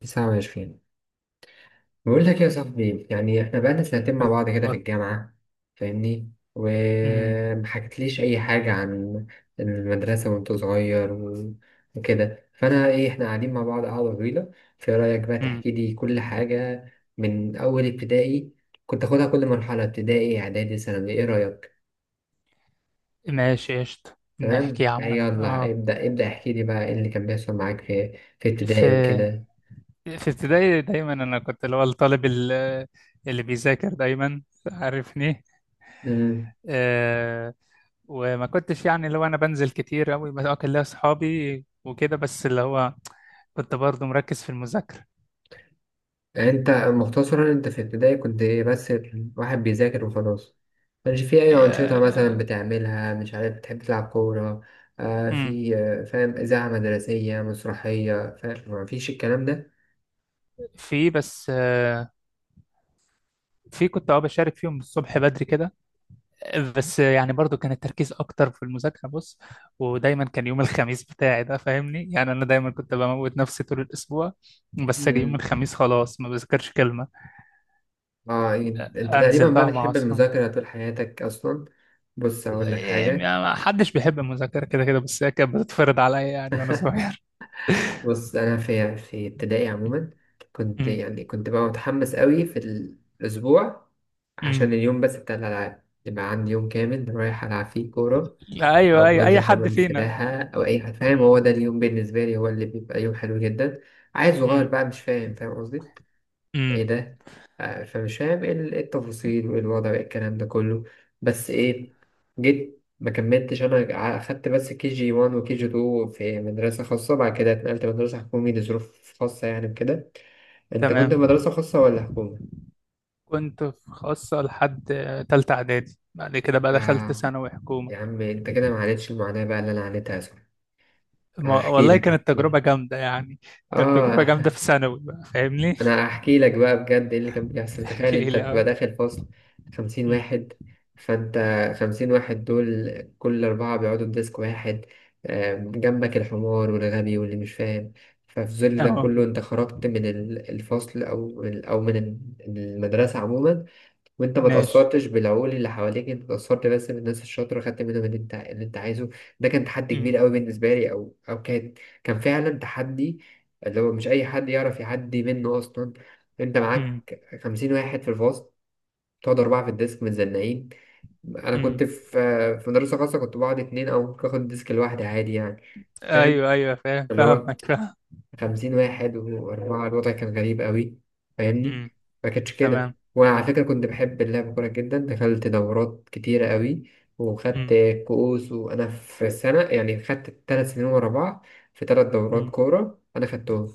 تسعة وعشرين. بقول لك يا صاحبي، يعني احنا بقالنا سنتين مع امم بعض كده في الجامعة. فاهمني أمم. ومحكتليش أي حاجة عن المدرسة وأنت صغير وكده، فأنا إيه، احنا قاعدين مع بعض قعدة طويلة. في رأيك بقى تحكي لي كل حاجة من أول ابتدائي؟ كنت آخدها كل مرحلة، ابتدائي إعدادي ثانوي، إيه رأيك؟ ماشي قشطة نحكي تمام؟ يا عم يلا اه. ابدأ ابدأ، احكي لي بقى إيه اللي كان بيحصل معاك في ابتدائي في وكده. ابتدائي دايما انا كنت اللي هو الطالب اللي بيذاكر دايما، عارفني. آه، وما كنتش يعني اللي هو انا بنزل كتير قوي، بس اه كان ليا اصحابي وكده، بس اللي هو كنت برضه مركز في المذاكرة. انت مختصرا، انت في ابتدائي كنت ايه بس؟ واحد بيذاكر وخلاص؟ مش في اي انشطه آه، مثلا بتعملها؟ مش عارف، بتحب تلعب كوره؟ آه امم في فاهم، اذاعه مدرسيه، مسرحيه، فاهم، ما فيش الكلام ده؟ في بس آه في كنت اه بشارك فيهم الصبح بدري كده، بس يعني برضو كان التركيز اكتر في المذاكره. بص، ودايما كان يوم الخميس بتاعي ده فاهمني، يعني انا دايما كنت بموت نفسي طول الاسبوع، بس اجي يوم مم. الخميس خلاص ما بذاكرش كلمه، اه. انت انزل تقريبا بقى بقى مع بتحب اصحابي. المذاكره طول حياتك اصلا. بص اقول لك إيه، يعني حاجه. ما حدش بيحب المذاكره كده كده، بس هي كانت بتتفرض عليا يعني وانا صغير. بص انا في ابتدائي عموما كنت أمم، يعني كنت بقى متحمس قوي في الاسبوع عشان أمم. اليوم بس بتاع الالعاب، يبقى عندي يوم كامل رايح العب فيه كوره، أو ايوه، اي اي بنزل حد حمام فينا. السباحة أو أي حاجة، فاهم، هو أمم، ده اليوم بالنسبة لي، هو اللي بيبقى يوم حلو جدا. عيل صغير أمم، بقى مش فاهم، فاهم قصدي؟ إيه أمم. ده. آه، فمش فاهم إيه إيه التفاصيل وإيه الوضع وإيه الكلام ده كله. بس إيه، جيت ما كملتش، أنا أخدت بس كي جي 1 وكي جي 2 في مدرسة خاصة، بعد كده اتنقلت مدرسة حكومي لظروف خاصة يعني وكده. أنت كنت تمام، في مدرسة خاصة ولا حكومة؟ كنت في خاصه لحد تالته اعدادي، بعد كده بقى دخلت آه. ثانوي حكومه. يا عم أنت كده ما عانيتش المعاناة بقى اللي أنا عانيتها، صح؟ أحكي والله لك كانت أحكي لك. تجربة جامدة يعني. كانت تجربة جامدة آه. في ثانوي بقى فاهمني. انا هحكي لك بقى بجد ايه اللي كان بيحصل. تخيل احكي انت لي تبقى اه. داخل فصل خمسين أمم. واحد فانت 50 واحد دول، كل اربعة بيقعدوا في ديسك واحد. جنبك الحمار والغبي واللي مش فاهم. ففي ظل ده اه، كله، انت خرجت من الفصل او من المدرسة عموما، وانت ما ماشي. تأثرتش بالعقول اللي حواليك، انت تأثرت بس بالناس الشاطرة، خدت منهم اللي انت عايزه. ده كان تحدي كبير أمم. قوي بالنسبة لي، او كان، كان فعلا تحدي، اللي هو مش اي حد يعرف يعدي منه اصلا. انت أمم. معاك 50 واحد في الفصل، تقعد أربعة في الديسك متزنقين. أنا كنت أمم. في مدرسة خاصة، كنت بقعد اتنين أو ممكن آخد الديسك لوحدي عادي يعني. فاهم، ايوه ايوه، فاهم اللي هو فاهمك فاهم. 50 واحد وأربعة، الوضع كان غريب أوي، أمم. فاهمني. مكانش كده. تمام. وأنا على فكرة كنت بحب اللعب كورة جدا، دخلت دورات كتيرة أوي وخدت أمم. كؤوس، وأنا في سنة يعني خدت 3 سنين ورا بعض في تلات دورات أمم. كورة أنا خدتهم،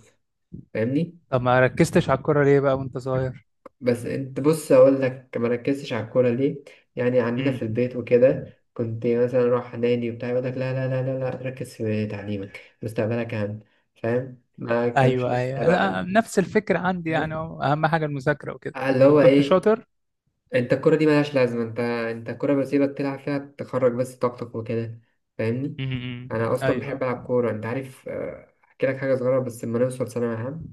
فاهمني. طب ما ركزتش على الكورة ليه بقى وانت صغير؟ بس أنت بص، أقول لك مركزتش على الكورة ليه. يعني عندنا أمم. في البيت وكده كنت مثلا أروح نادي وبتاع يقول لك لا لا لا لا لا، ركز في تعليمك، مستقبلك أهم، فاهم، ما كانش ايوه لسه ايوه، لا بقى. نفس الفكرة عندي يعني، هو اهم حاجة المذاكرة وكده. آه، اللي طب هو كنت ايه، شاطر. انت الكرة دي ملهاش لازمة، انت الكرة بسيبك تلعب فيها تخرج بس طاقتك وكده، فاهمني. أمم. أمم. انا اصلا بحب ايوه. العب كورة انت عارف. آه، احكي لك حاجة صغيرة، بس لما نوصل ثانوي عام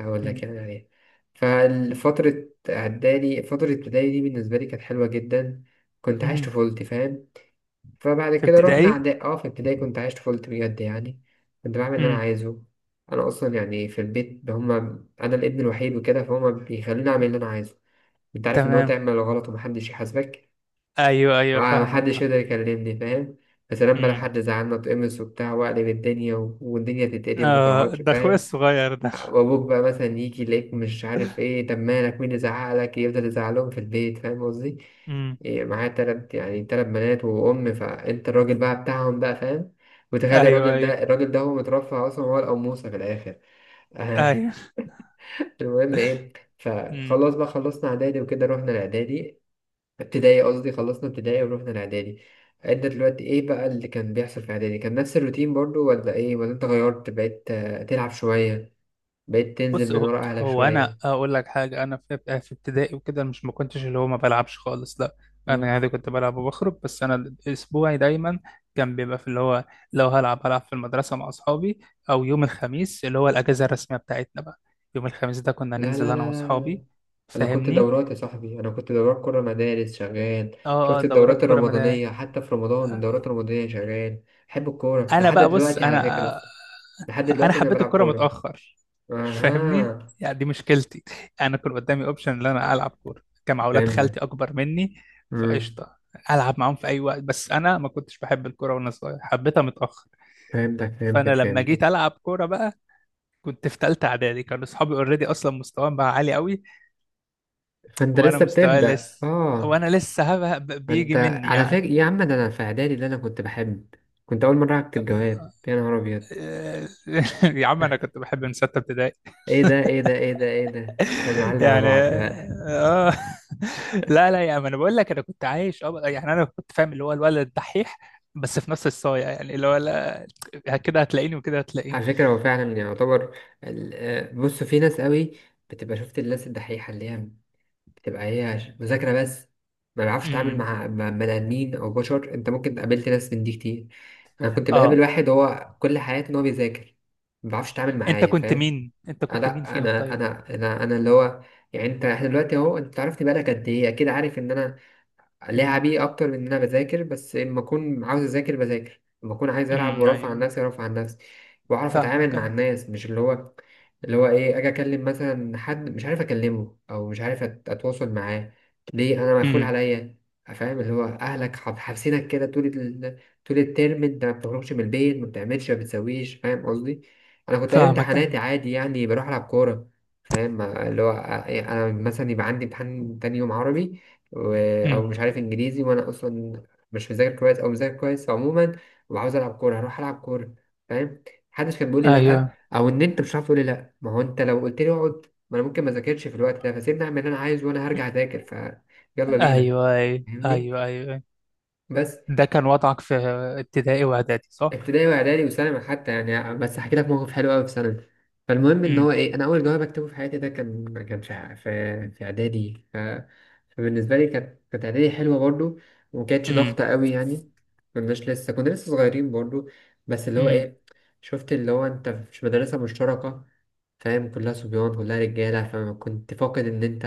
هقول أمم. لك يعني عليها. فالفترة اعدادي، فترة ابتدائي دي، بالنسبة لي كانت حلوة جدا، كنت عايش أمم. طفولتي، فاهم. فبعد في كده رحنا ابتدائي. اعدادي. اه، في ابتدائي كنت عايش طفولتي بجد يعني، كنت بعمل اللي انا أمم. عايزه. انا اصلا يعني في البيت، هما انا الابن الوحيد وكده، فهما بيخلوني اعمل اللي انا عايزه. انت عارف ان هو تمام. تعمل غلط ومحدش يحاسبك. ايوه ايوه آه، فاهمك محدش يقدر يكلمني، فاهم. يا سلام بقى، لو فاهم. حد زعلنا اتقمص وبتاع واقلب الدنيا والدنيا تتقلب آه، ومتقعدش، ده اخويا فاهم. الصغير ده. وابوك بقى مثلا يجي يلاقيك مش عارف ايه، طب مالك، مين اللي زعقلك، يفضل يزعلهم في البيت، فاهم قصدي. امم، إيه معايا تلات، يعني تلات بنات وأم، فأنت الراجل بقى بتاعهم بقى، فاهم. وتخيل ايوه الراجل ايوه ده، الراجل ده هو مترفع أصلا، هو القموصة في الآخر. ايوه. المهم إيه، امم، فخلاص بقى، خلصنا إعدادي وكده رحنا الإعدادي. ابتدائي قصدي، خلصنا ابتدائي ورحنا الاعدادي. انت دلوقتي ايه بقى اللي كان بيحصل في اعدادي؟ كان نفس الروتين برضو ولا ايه، ولا انت غيرت، بقيت، آه، تلعب شوية، بقيت تنزل بص من هو, ورا اهلك هو انا شوية؟ اقول لك حاجه، انا في ابتدائي وكده مش، ما كنتش اللي هو ما بلعبش خالص، لا، انا مم. عادي كنت بلعب وبخرج، بس انا اسبوعي دايما كان بيبقى في اللي هو لو هلعب هلعب في المدرسه مع اصحابي، او يوم الخميس اللي هو الاجازه الرسميه بتاعتنا بقى، يوم الخميس ده كنا لا ننزل لا لا انا لا لا، واصحابي، انا كنت فاهمني. دورات يا صاحبي، انا كنت دورات كرة مدارس شغال، اه اه، شفت دورات الدورات كره مدى. الرمضانية حتى، في رمضان الدورات الرمضانية شغال. بحب الكورة انا لحد بقى بص دلوقتي على فكرة، انا، لحد انا دلوقتي انا حبيت بلعب الكرة كورة. متأخر، فاهمني، اها. يعني دي مشكلتي. انا كان قدامي اوبشن ان انا العب كورة، كان مع ولاد فهمتك. خالتي اكبر مني، مم. فقشطة، العب معاهم في اي وقت، بس انا ما كنتش بحب الكورة وانا صغير، حبيتها متأخر. فهمتك فانا فهمتك لما جيت فهمتك. العب كورة بقى، كنت في تالتة اعدادي، كانوا اصحابي اوريدي اصلا مستواهم بقى عالي قوي، فانت وانا لسه مستواي بتبدأ، لسه اه. وانا لسه هبه بيجي انت مني على فكرة يعني. يا عم ده، انا في اعدادي اللي انا كنت بحب، كنت اول مرة اكتب جواب، يا نهار ابيض. يا عم انا كنت بحب من ستة ابتدائي. ايه ده ايه ده ايه ده ايه ده، احنا بنعلي على يعني بعض بقى. اه. لا لا يعني، ما انا بقول لك انا كنت عايش اه، يعني انا كنت فاهم اللي هو الولد الدحيح، بس في نفس الصايع يعني اللي هو لا، كده هتلاقيني وكده هتلاقيني. على فكرة هو فعلا يعتبر بص، في ناس قوي بتبقى، شفت الناس الدحيحة اللي هي بتبقى هي مذاكرة بس، ما بيعرفش تعامل امم، مع بني ادمين او بشر، انت ممكن قابلت ناس من دي كتير. انا كنت بقابل اه. واحد، هو كل حياته ان هو بيذاكر، ما بيعرفش يتعامل انت معايا، كنت فاهم. مين، انت آه، كنت مين لا، فيهم انا طيب؟ انا انا انا اللي هو يعني انت، احنا دلوقتي اهو، انت عرفت بقالك قد ايه، اكيد عارف ان انا امم. لعبي اكتر من ان انا بذاكر، بس لما اكون عاوز اذاكر بذاكر، لما اكون عايز العب امم وارفع عن ايوه نفسي ارفع عن نفسي، واعرف اتعامل فاهمك مع أيوة. الناس، مش اللي هو ايه، اجي اكلم مثلا حد مش عارف اكلمه او مش عارف اتواصل معاه، ليه؟ انا مقفول امم، عليا، فاهم، اللي هو اهلك حابسينك كده طول طول الترم، انت ما بتخرجش من البيت، ما بتعملش ما بتسويش، فاهم قصدي. انا كنت ايام فاهمك ايوه. امتحاناتي عادي يعني، بروح العب كوره. فاهم، اللي هو يعني انا مثلا يبقى عندي امتحان تاني يوم عربي و... امم، او مش عارف انجليزي، وانا اصلا مش مذاكر كويس او مذاكر كويس عموما، وعاوز العب كوره، هروح العب كوره، فاهم. محدش كان بيقول لي لا، ايوه او ان انت مش عارف تقول لي لا، ما هو انت لو قلت لي اقعد، ما انا ممكن ما اذاكرش في الوقت ده، فسيبني اعمل اللي انا عايز وانا هرجع اذاكر. يلا بينا، ايوه ايوه فاهمني. ايوه ايوه. بس ده كان وضعك في ابتدائي واعدادي صح. ابتدائي واعدادي وثانوي حتى يعني، بس هحكي لك موقف حلو قوي في ثانوي. فالمهم ان امم، هو ايه، انا اول جواب اكتبه في حياتي ده، كان ما كانش في اعدادي فبالنسبه لي، كانت اعدادي حلوه برضو، وما كانتش امم، ضغطه قوي يعني. كنا لسه صغيرين برضو، بس اللي هو امم. ايه، شفت اللي هو انت في مدرسه مشتركه، فاهم، كلها صبيان كلها رجالة، فما كنت فاقد إن أنت،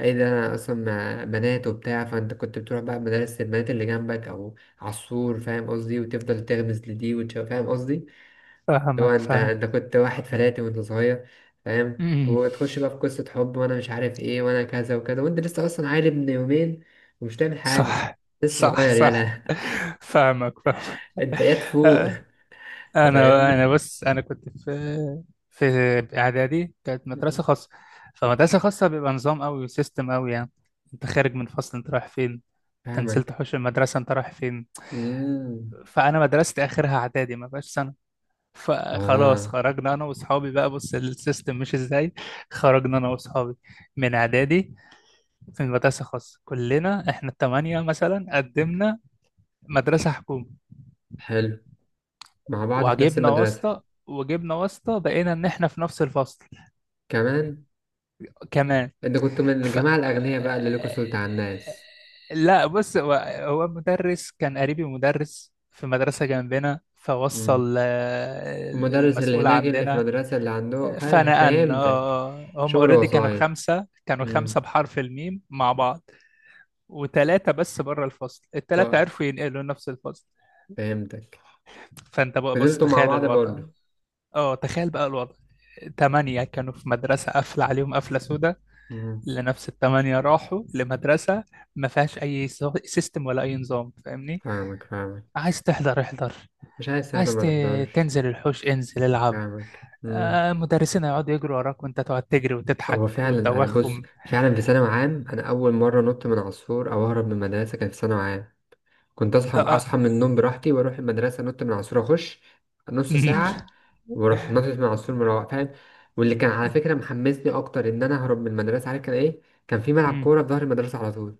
إيه ده، أنا أصلا مع بنات وبتاع، فأنت كنت بتروح بقى مدارس البنات اللي جنبك أو على السور، فاهم قصدي، وتفضل تغمز لدي وتشوف، فاهم قصدي، اللي هو فاهمك أنت فاهم. أنت كنت واحد فلاتي وأنت صغير، فاهم، امم. وتخش بقى في قصة حب وأنا مش عارف إيه، وأنا كذا وكذا، وأنت لسه أصلا عيل ابن يومين، ومش تعمل حاجة، صح لسه صح صغير، يالا. صح، فاهمك فاهمك. أنت يا تفوق، انا فاهمني. انا بس انا كنت في، في اعدادي كانت مدرسه خاصه، فمدرسه خاصه بيبقى نظام قوي وسيستم قوي يعني، انت خارج من فصل انت رايح فين؟ انت نزلت فاهمك. حوش المدرسه انت رايح فين؟ مم. فانا مدرستي اخرها اعدادي ما بقاش سنه، فخلاص آه. خرجنا انا واصحابي بقى، بص السيستم مش ازاي، خرجنا انا واصحابي من اعدادي، في مدرسه خاصه كلنا، احنا الثمانيه مثلا قدمنا مدرسه حكومه، حلو، مع بعض في نفس وجبنا المدرسة. واسطة، وجبنا واسطة بقينا ان احنا في نفس الفصل كمان. كمان. انت كنت من ف... الجماعة الأغنياء بقى اللي لكوا سلطة على الناس. لا بص هو، هو المدرس كان قريبي، مدرس في مدرسة جنبنا، مم. فوصل آه، المدرس اللي المسؤول هناك اللي في عندنا، المدرسة اللي عنده، فنقلنا فهمتك. آه، آه، هم شغل اوريدي كانوا وسايط. خمسة، كانوا مم. خمسة بحرف الميم مع بعض، وتلاتة بس بره الفصل، التلاتة ف- عرفوا ينقلوا نفس الفصل. فهمتك. فانت بقى بص فضلتوا مع تخيل بعض الوضع، برضه. اه تخيل بقى الوضع، تمانية كانوا في مدرسة قافلة عليهم قفلة سودا، مم. لنفس التمانية راحوا لمدرسة ما فيهاش أي سيستم ولا أي نظام فاهمني. فاهمك فاهمك. عايز تحضر احضر، مش عايز ساعة عايز ت- ما تحضرش. تنزل الحوش انزل العب. فاهمك. مم. آه، مدرسين هيقعدوا يجروا وراك وانت تقعد تجري وتضحك هو فعلا، أنا بص وتدوخهم. فعلا في ثانوي عام، أنا أول مرة نط من عصفور أو أهرب من المدرسة كان في ثانوي عام. كنت اصحى آه آه. اصحى من النوم براحتي واروح المدرسه، نط من العصفور، اخش نص ساعه واروح نطت من العصفور، مروح، فاهم. واللي كان على فكره محمسني اكتر ان انا اهرب من المدرسه، عارف كان ايه؟ كان في ملعب أمم. كوره في ظهر المدرسه على طول.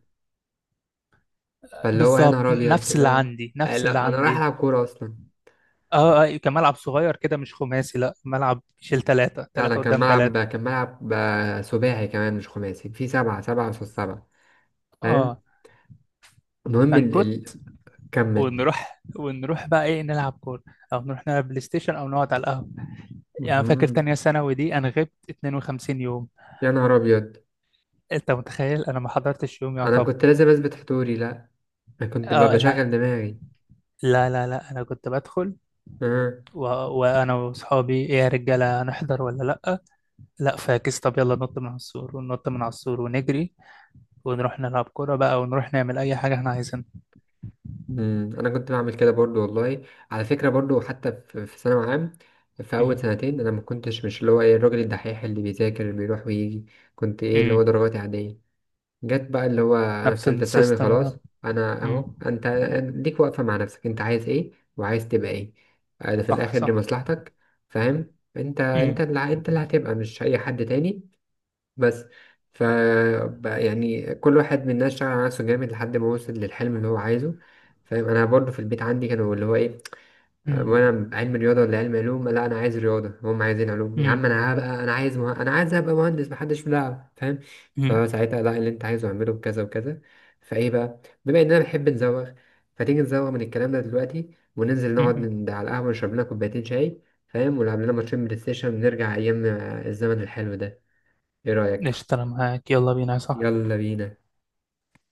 فاللي هو يا بالظبط نهار ابيض، نفس اللي اللي هو عندي، آه، نفس اللي لا انا رايح عندي. العب كوره اصلا. اه اه، كان ملعب صغير كده مش خماسي، لا ملعب يشيل ثلاثة لا انا، ثلاثة كان قدام ملعب ثلاثة. كان ملعب سباعي كمان، مش خماسي، في سبعه سبعه قصاد سبعه، فاهم. اه، المهم فنكت، كمل. ونروح ونروح بقى ايه نلعب كورة، او نروح نلعب بلاي ستيشن، او نقعد على القهوة. يعني أنا فاكر مهم. تانية ثانوي دي انا غبت 52 يوم. يا نهار ابيض، انت متخيل انا ما حضرتش يوم انا يعتبر. كنت لازم اثبت حضوري لا، انا كنت اه، لا بشغل دماغي. لا لا لا، انا كنت بدخل و... وانا واصحابي ايه يا رجاله، هنحضر ولا لا؟ لا فاكس، طب يلا ننط من على السور، وننط من على السور ونجري ونروح نلعب كورة بقى، ونروح نعمل اي حاجة احنا عايزينها. مم، انا كنت بعمل كده برضو والله، على فكره برضو، حتى في ثانوي عام، في اول أمم، سنتين انا ما كنتش مش اللي هو ايه الراجل الدحيح اللي بيذاكر اللي بيروح ويجي، كنت ايه، اللي هو أمم. درجاتي عاديه. جت بقى اللي هو، انا في نفس ثالثه ثانوي السيستم. خلاص، انا أمم، اهو، انت ليك واقفه مع نفسك، انت عايز ايه وعايز تبقى ايه؟ انا في صح الاخر دي صح. مصلحتك، فاهم، انت أمم، انت انت اللي هتبقى، مش اي حد تاني. بس ف بقى يعني كل واحد مننا اشتغل على نفسه جامد لحد ما وصل للحلم اللي هو عايزه. فاهم، انا برضه في البيت عندي كانوا اللي هو ايه، أمم، وانا علم رياضه ولا علم علوم، لا انا عايز رياضه، هم عايزين علوم، يا عم أمم، انا هبقى، انا عايز ابقى مهندس، محدش في دعوه، فاهم. أمم، فساعتها لا، اللي انت عايزه اعمله بكذا وكذا. فايه بقى، بما اننا بنحب نزوغ، فتيجي نزوغ من الكلام ده دلوقتي، وننزل نقعد أمم. على القهوه، نشرب لنا كوبايتين شاي، فاهم، ونلعب لنا ماتشين بلاي ستيشن، ونرجع ايام الزمن الحلو ده. ايه رايك؟ قشطة، أنا معاك، يلا بينا صح. يلا بينا.